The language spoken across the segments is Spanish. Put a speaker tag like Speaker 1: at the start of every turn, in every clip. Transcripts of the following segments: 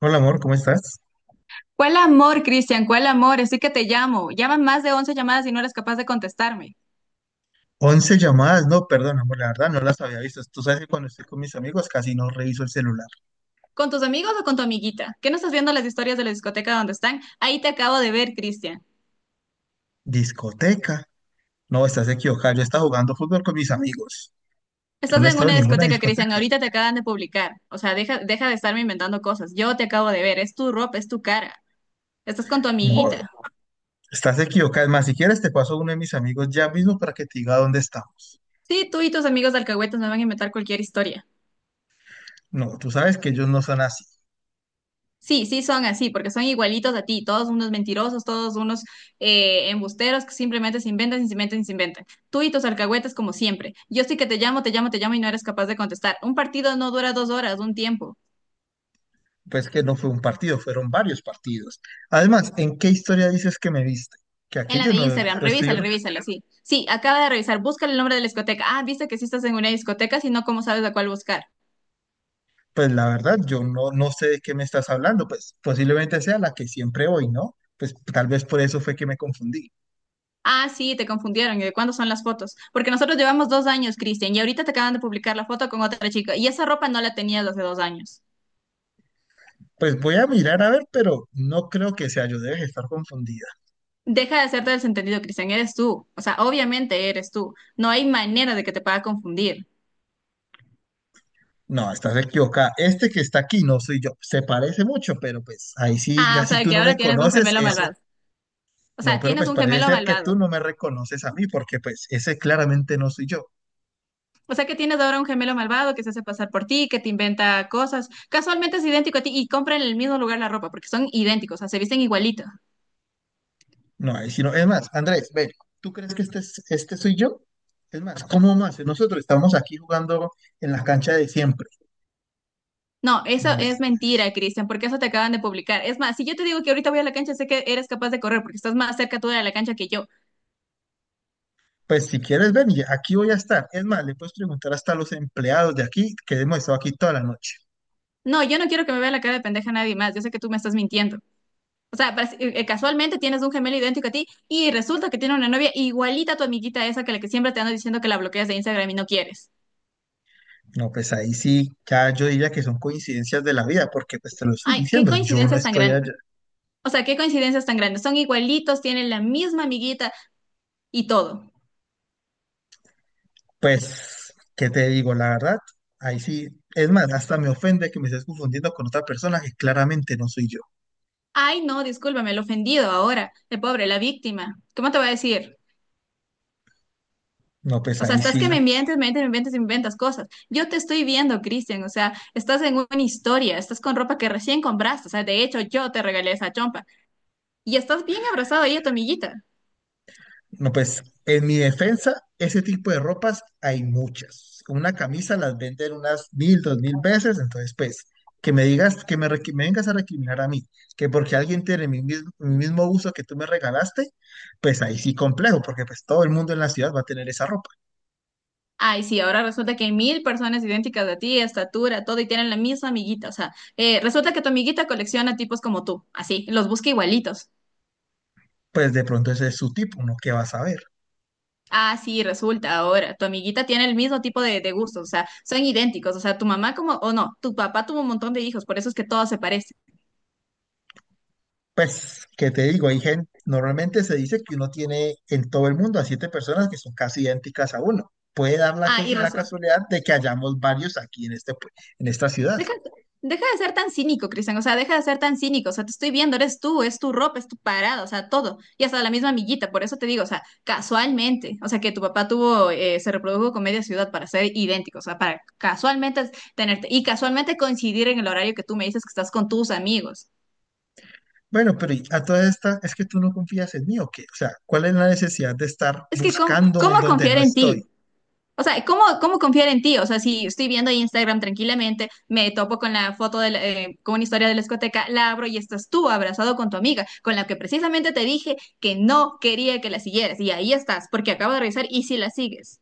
Speaker 1: Hola amor, ¿cómo estás?
Speaker 2: ¿Cuál amor, Cristian? ¿Cuál amor? Así que te llamo. Llaman más de 11 llamadas y no eres capaz de contestarme.
Speaker 1: 11 llamadas, no, perdón amor, la verdad no las había visto. Tú sabes que cuando estoy con mis amigos casi no reviso el celular.
Speaker 2: ¿Con tus amigos o con tu amiguita? ¿Qué no estás viendo las historias de la discoteca donde están? Ahí te acabo de ver, Cristian.
Speaker 1: Discoteca, no, estás equivocada. Yo estaba jugando fútbol con mis amigos. Yo
Speaker 2: Estás
Speaker 1: no
Speaker 2: en
Speaker 1: estaba en
Speaker 2: una
Speaker 1: ninguna
Speaker 2: discoteca, Cristian.
Speaker 1: discoteca.
Speaker 2: Ahorita te acaban de publicar. O sea, deja, deja de estarme inventando cosas. Yo te acabo de ver. Es tu ropa, es tu cara. Estás con tu
Speaker 1: No,
Speaker 2: amiguita.
Speaker 1: estás equivocada. Es más, si quieres te paso a uno de mis amigos ya mismo para que te diga dónde estamos.
Speaker 2: Sí, tú y tus amigos de alcahuetas me van a inventar cualquier historia.
Speaker 1: No, tú sabes que ellos no son así.
Speaker 2: Sí, sí son así, porque son igualitos a ti, todos unos mentirosos, todos unos embusteros que simplemente se inventan, y se inventan, y se inventan. Tú y tus alcahuetes como siempre. Yo sí que te llamo, te llamo, te llamo y no eres capaz de contestar. Un partido no dura 2 horas, un tiempo.
Speaker 1: Pues que no fue un partido, fueron varios partidos. Además, ¿en qué historia dices que me viste? Que
Speaker 2: En
Speaker 1: aquí
Speaker 2: la
Speaker 1: yo
Speaker 2: de
Speaker 1: no
Speaker 2: Instagram,
Speaker 1: estoy.
Speaker 2: revísala, revísala, sí. Sí, acaba de revisar, búscale el nombre de la discoteca. Ah, viste que sí estás en una discoteca, si no, ¿cómo sabes a cuál buscar?
Speaker 1: Pues la verdad, yo no sé de qué me estás hablando, pues posiblemente sea la que siempre voy, ¿no? Pues tal vez por eso fue que me confundí.
Speaker 2: Ah, sí, te confundieron. ¿Y de cuándo son las fotos? Porque nosotros llevamos 2 años, Cristian, y ahorita te acaban de publicar la foto con otra chica, y esa ropa no la tenías hace 2 años.
Speaker 1: Pues voy a mirar a ver, pero no creo que sea yo, debes estar confundida.
Speaker 2: Deja de hacerte desentendido, Cristian, eres tú. O sea, obviamente eres tú. No hay manera de que te pueda confundir.
Speaker 1: No, estás equivocada. Este que está aquí no soy yo. Se parece mucho, pero pues ahí sí,
Speaker 2: Ah,
Speaker 1: ya
Speaker 2: o
Speaker 1: si
Speaker 2: sea,
Speaker 1: tú
Speaker 2: que
Speaker 1: no
Speaker 2: ahora
Speaker 1: me
Speaker 2: tienes un
Speaker 1: conoces,
Speaker 2: gemelo malvado.
Speaker 1: eso.
Speaker 2: O
Speaker 1: No,
Speaker 2: sea,
Speaker 1: pero
Speaker 2: tienes
Speaker 1: pues
Speaker 2: un
Speaker 1: parece
Speaker 2: gemelo
Speaker 1: ser que
Speaker 2: malvado.
Speaker 1: tú no me reconoces a mí, porque pues ese claramente no soy yo.
Speaker 2: O sea, que tienes ahora un gemelo malvado que se hace pasar por ti, que te inventa cosas. Casualmente es idéntico a ti y compra en el mismo lugar la ropa porque son idénticos, o sea, se visten igualito.
Speaker 1: No, ahí sí no. Es más, Andrés, ven, ¿tú crees que este soy yo? Es más, ¿cómo más? Nosotros estamos aquí jugando en la cancha de siempre.
Speaker 2: No, eso
Speaker 1: No
Speaker 2: es
Speaker 1: es-
Speaker 2: mentira, Cristian, porque eso te acaban de publicar. Es más, si yo te digo que ahorita voy a la cancha, sé que eres capaz de correr porque estás más cerca tú de la cancha que yo.
Speaker 1: Pues si quieres, ven, y aquí voy a estar. Es más, le puedes preguntar hasta a los empleados de aquí que hemos estado aquí toda la noche.
Speaker 2: No, yo no quiero que me vea la cara de pendeja nadie más. Yo sé que tú me estás mintiendo. O sea, casualmente tienes un gemelo idéntico a ti y resulta que tiene una novia igualita a tu amiguita esa que la que siempre te ando diciendo que la bloqueas de Instagram y no quieres.
Speaker 1: No, pues ahí sí, ya yo diría que son coincidencias de la vida, porque pues te lo estoy
Speaker 2: Ay, qué
Speaker 1: diciendo, yo no
Speaker 2: coincidencias tan
Speaker 1: estoy allá.
Speaker 2: grandes. O sea, qué coincidencias tan grandes. Son igualitos, tienen la misma amiguita y todo.
Speaker 1: Pues, ¿qué te digo? La verdad, ahí sí. Es más, hasta me ofende que me estés confundiendo con otra persona que claramente no soy yo.
Speaker 2: Ay, no, discúlpame, el ofendido ahora, el pobre, la víctima. ¿Cómo te va a decir?
Speaker 1: No, pues
Speaker 2: O sea,
Speaker 1: ahí
Speaker 2: estás que
Speaker 1: sí.
Speaker 2: me mientes, me mientes, me mientes y me inventas cosas. Yo te estoy viendo, Cristian. O sea, estás en una historia, estás con ropa que recién compraste. O sea, de hecho, yo te regalé esa chompa. Y estás bien abrazado ahí a tu amiguita.
Speaker 1: No, pues en mi defensa, ese tipo de ropas hay muchas. Una camisa las venden unas 1000, 2000 veces, entonces pues que me digas, me vengas a recriminar a mí, que porque alguien tiene mi mismo uso que tú me regalaste, pues ahí sí complejo, porque pues todo el mundo en la ciudad va a tener esa ropa.
Speaker 2: Ay, sí, ahora resulta que hay 1.000 personas idénticas a ti, estatura, todo, y tienen la misma amiguita. O sea, resulta que tu amiguita colecciona tipos como tú, así, los busca igualitos.
Speaker 1: Pues de pronto ese es su tipo, uno qué va a saber.
Speaker 2: Ah, sí, resulta ahora, tu amiguita tiene el mismo tipo de gustos, o sea, son idénticos. O sea, tu mamá como, o no, tu papá tuvo un montón de hijos, por eso es que todos se parecen.
Speaker 1: Pues, ¿qué te digo? Hay gente, normalmente se dice que uno tiene en todo el mundo a 7 personas que son casi idénticas a uno. Puede dar
Speaker 2: Ah, y
Speaker 1: la
Speaker 2: resulta.
Speaker 1: casualidad de que hayamos varios aquí en esta ciudad.
Speaker 2: Deja, deja de ser tan cínico, Cristian, o sea, deja de ser tan cínico, o sea, te estoy viendo, eres tú, es tu ropa, es tu parada, o sea, todo, y hasta la misma amiguita, por eso te digo, o sea, casualmente, o sea, que tu papá tuvo, se reprodujo con media ciudad para ser idéntico, o sea, para casualmente tenerte, y casualmente coincidir en el horario que tú me dices que estás con tus amigos.
Speaker 1: Bueno, pero y a todas estas, ¿es que tú no confías en mí o qué? O sea, ¿cuál es la necesidad de estar
Speaker 2: Es que, ¿cómo,
Speaker 1: buscándome
Speaker 2: cómo
Speaker 1: en donde no
Speaker 2: confiar en
Speaker 1: estoy?
Speaker 2: ti? O sea, ¿cómo confiar en ti? O sea, si estoy viendo ahí Instagram tranquilamente, me topo con la foto con una historia de la discoteca, la abro y estás tú abrazado con tu amiga, con la que precisamente te dije que no quería que la siguieras. Y ahí estás, porque acabo de revisar y si la sigues.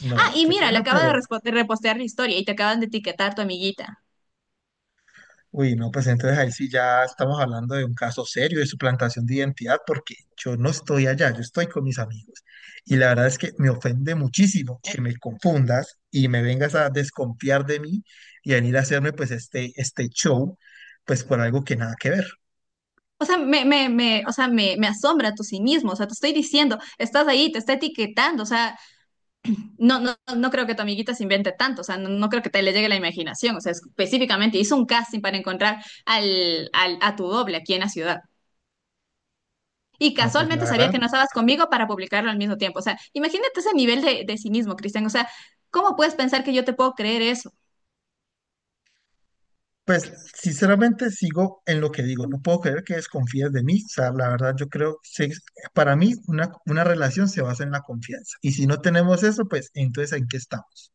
Speaker 1: No,
Speaker 2: Ah,
Speaker 1: ay,
Speaker 2: y
Speaker 1: qué
Speaker 2: mira, le
Speaker 1: pena,
Speaker 2: acaba de
Speaker 1: pero...
Speaker 2: repostear la historia y te acaban de etiquetar tu amiguita.
Speaker 1: Uy, no, pues entonces ahí sí ya estamos hablando de un caso serio de suplantación de identidad, porque yo no estoy allá, yo estoy con mis amigos. Y la verdad es que me ofende muchísimo que me confundas y me vengas a desconfiar de mí y venir a hacerme pues este show, pues por algo que nada que ver.
Speaker 2: O sea, me, o sea, me asombra tu cinismo. O sea, te estoy diciendo, estás ahí, te está etiquetando. O sea, no, no, no creo que tu amiguita se invente tanto, o sea, no, no creo que te le llegue la imaginación, o sea, específicamente hizo un casting para encontrar a tu doble aquí en la ciudad. Y
Speaker 1: No, pues la
Speaker 2: casualmente sabía
Speaker 1: verdad,
Speaker 2: que no estabas conmigo para publicarlo al mismo tiempo. O sea, imagínate ese nivel de cinismo, Cristian. O sea, ¿cómo puedes pensar que yo te puedo creer eso?
Speaker 1: pues sinceramente sigo en lo que digo, no puedo creer que desconfíes de mí. O sea, la verdad yo creo, sí, para mí una relación se basa en la confianza. Y si no tenemos eso, pues entonces ¿en qué estamos?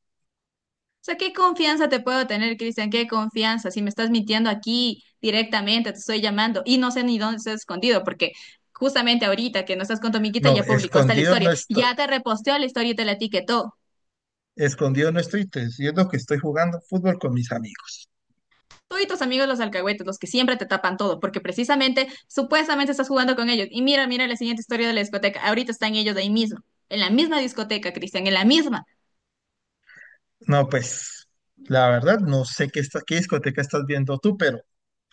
Speaker 2: O sea, ¿qué confianza te puedo tener, Cristian? ¿Qué confianza? Si me estás mintiendo aquí directamente, te estoy llamando y no sé ni dónde estás escondido, porque justamente ahorita que no estás con tu amiguita
Speaker 1: No,
Speaker 2: ya publicó hasta la
Speaker 1: escondido no
Speaker 2: historia,
Speaker 1: estoy.
Speaker 2: ya te reposteó la historia y te la etiquetó.
Speaker 1: Escondido no estoy, te diciendo que estoy jugando fútbol con mis amigos.
Speaker 2: Tú y tus amigos los alcahuetes, los que siempre te tapan todo, porque precisamente, supuestamente estás jugando con ellos. Y mira, mira la siguiente historia de la discoteca. Ahorita están ellos ahí mismo, en la misma discoteca, Cristian, en la misma,
Speaker 1: No, pues, la verdad, no sé qué, está, qué discoteca estás viendo tú, pero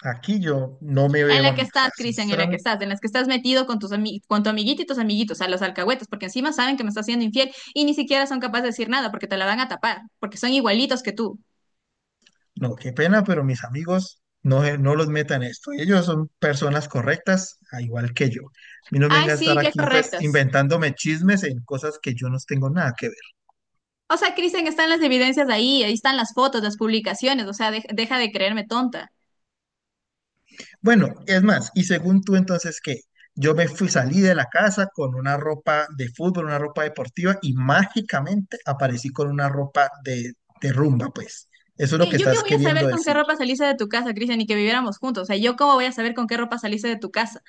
Speaker 1: aquí yo no me
Speaker 2: en
Speaker 1: veo a
Speaker 2: la que
Speaker 1: mí. O sea,
Speaker 2: estás, Cristian, en la que
Speaker 1: sinceramente,
Speaker 2: estás, en las que estás metido con tu amiguito y tus amiguitos, a los alcahuetes, porque encima saben que me estás siendo infiel y ni siquiera son capaces de decir nada, porque te la van a tapar, porque son igualitos que tú.
Speaker 1: no, qué pena, pero mis amigos no, no los metan en esto. Ellos son personas correctas, a igual que yo. A mí no me
Speaker 2: Ay,
Speaker 1: venga a estar
Speaker 2: sí, qué
Speaker 1: aquí, pues,
Speaker 2: correctas.
Speaker 1: inventándome chismes en cosas que yo no tengo nada que ver.
Speaker 2: O sea, Cristian, están las evidencias ahí, ahí están las fotos, las publicaciones, o sea, deja de creerme tonta.
Speaker 1: Bueno, es más, y según tú entonces, ¿qué? Yo me fui, salí de la casa con una ropa de fútbol, una ropa deportiva y mágicamente aparecí con una ropa de rumba, pues. Eso es lo que
Speaker 2: ¿Yo qué
Speaker 1: estás
Speaker 2: voy a
Speaker 1: queriendo
Speaker 2: saber con qué
Speaker 1: decir.
Speaker 2: ropa saliste de tu casa, Cristian, y que viviéramos juntos? O sea, ¿yo cómo voy a saber con qué ropa saliste de tu casa?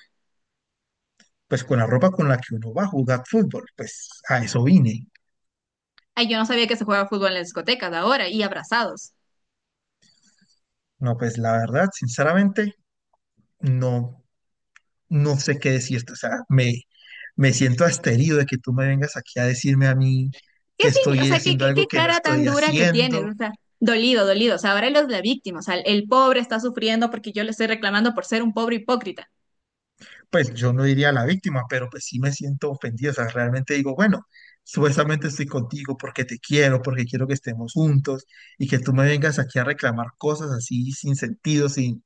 Speaker 1: Pues con la ropa con la que uno va a jugar fútbol, pues a eso vine.
Speaker 2: Ay, yo no sabía que se juega fútbol en las discotecas ahora y abrazados.
Speaker 1: No, pues la verdad, sinceramente, no, no sé qué decirte. O sea, me siento asterido de que tú me vengas aquí a decirme a mí
Speaker 2: ¿Qué
Speaker 1: que
Speaker 2: sí? O
Speaker 1: estoy
Speaker 2: sea, ¿qué,
Speaker 1: haciendo
Speaker 2: qué,
Speaker 1: algo
Speaker 2: qué
Speaker 1: que no
Speaker 2: cara tan
Speaker 1: estoy
Speaker 2: dura que tienes? O
Speaker 1: haciendo.
Speaker 2: sea, dolido, dolido. O sea, ahora él es la víctima. O sea, el pobre está sufriendo porque yo le estoy reclamando por ser un pobre hipócrita.
Speaker 1: Pues yo no diría la víctima, pero pues sí me siento ofendido, o sea, realmente digo, bueno, supuestamente estoy contigo porque te quiero, porque quiero que estemos juntos y que tú me vengas aquí a reclamar cosas así sin sentido, sin,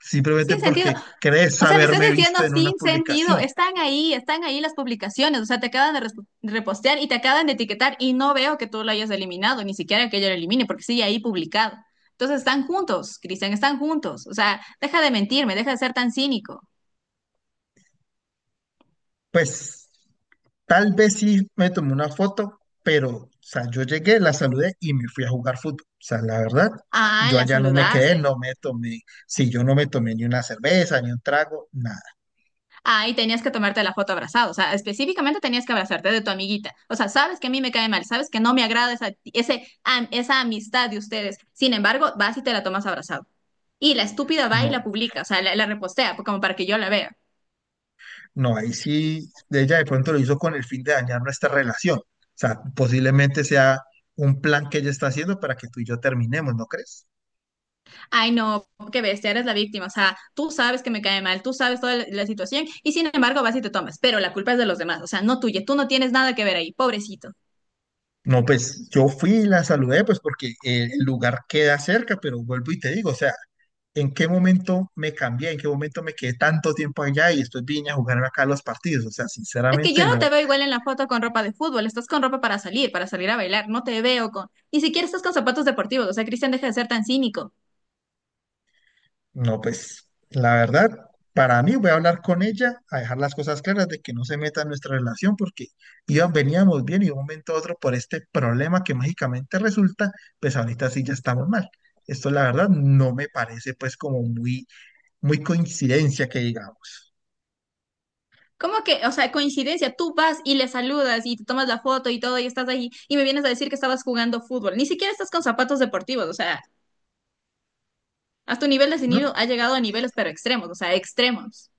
Speaker 1: simplemente
Speaker 2: Sin sentido.
Speaker 1: porque crees
Speaker 2: O sea, me estás
Speaker 1: haberme
Speaker 2: diciendo
Speaker 1: visto en una
Speaker 2: sin sentido.
Speaker 1: publicación.
Speaker 2: Están ahí las publicaciones. O sea, te acaban de repostear y te acaban de etiquetar y no veo que tú lo hayas eliminado, ni siquiera que yo lo elimine, porque sigue ahí publicado. Entonces están juntos, Cristian, están juntos. O sea, deja de mentirme, deja de ser tan cínico.
Speaker 1: Pues tal vez sí me tomé una foto, pero, o sea, yo llegué, la saludé y me fui a jugar fútbol, o sea, la verdad.
Speaker 2: Ah,
Speaker 1: Yo
Speaker 2: la
Speaker 1: allá no me quedé,
Speaker 2: saludaste.
Speaker 1: si yo no me tomé ni una cerveza, ni un trago, nada,
Speaker 2: Ah, y tenías que tomarte la foto abrazado, o sea, específicamente tenías que abrazarte de tu amiguita. O sea, sabes que a mí me cae mal, sabes que no me agrada esa amistad de ustedes. Sin embargo, vas y te la tomas abrazado. Y la estúpida va y la
Speaker 1: no.
Speaker 2: publica, o sea, la repostea como para que yo la vea.
Speaker 1: No, ahí sí, ella de pronto lo hizo con el fin de dañar nuestra relación. O sea, posiblemente sea un plan que ella está haciendo para que tú y yo terminemos, ¿no crees?
Speaker 2: Ay, no, qué bestia, eres la víctima, o sea, tú sabes que me cae mal, tú sabes toda la situación y sin embargo vas y te tomas, pero la culpa es de los demás, o sea, no tuya, tú no tienes nada que ver ahí, pobrecito.
Speaker 1: No, pues yo fui y la saludé, pues porque el lugar queda cerca, pero vuelvo y te digo, o sea, ¿en qué momento me cambié? ¿En qué momento me quedé tanto tiempo allá y después vine a jugar acá los partidos? O sea,
Speaker 2: Es que yo
Speaker 1: sinceramente
Speaker 2: no te
Speaker 1: no.
Speaker 2: veo igual en la foto con ropa de fútbol, estás con ropa para salir a bailar, no te veo con, ni siquiera estás con zapatos deportivos, o sea, Cristian, deja de ser tan cínico.
Speaker 1: No, pues la verdad, para mí voy a hablar con ella, a dejar las cosas claras de que no se meta en nuestra relación porque iban, veníamos bien y de un momento a otro por este problema que mágicamente resulta, pues ahorita sí ya estamos mal. Esto la verdad no me parece pues como muy, muy coincidencia que digamos,
Speaker 2: ¿Cómo que, o sea, coincidencia, tú vas y le saludas y te tomas la foto y todo y estás ahí y me vienes a decir que estabas jugando fútbol, ni siquiera estás con zapatos deportivos, o sea, a tu nivel de cinismo
Speaker 1: ¿no?
Speaker 2: ha llegado a niveles pero extremos, o sea, extremos.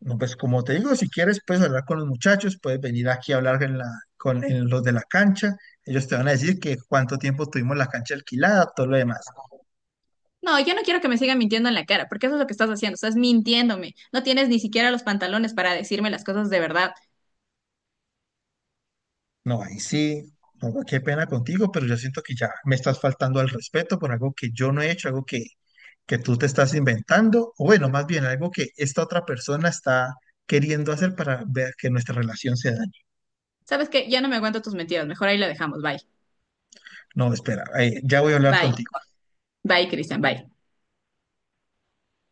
Speaker 1: No, pues como te digo, si quieres puedes hablar con los muchachos, puedes venir aquí a hablar con en los de la cancha, ellos te van a decir que cuánto tiempo tuvimos la cancha alquilada, todo lo demás.
Speaker 2: No, yo no quiero que me sigan mintiendo en la cara, porque eso es lo que estás haciendo, estás mintiéndome, no tienes ni siquiera los pantalones para decirme las cosas de verdad.
Speaker 1: No, ahí sí, no, qué pena contigo, pero yo siento que ya me estás faltando al respeto por algo que yo no he hecho, algo que tú te estás inventando, o bueno, más bien algo que esta otra persona está queriendo hacer para ver que nuestra relación se dañe.
Speaker 2: ¿Sabes qué? Ya no me aguanto tus mentiras, mejor ahí la dejamos, bye,
Speaker 1: No, espera, ya voy a hablar
Speaker 2: bye.
Speaker 1: contigo.
Speaker 2: Bye, Cristian, bye.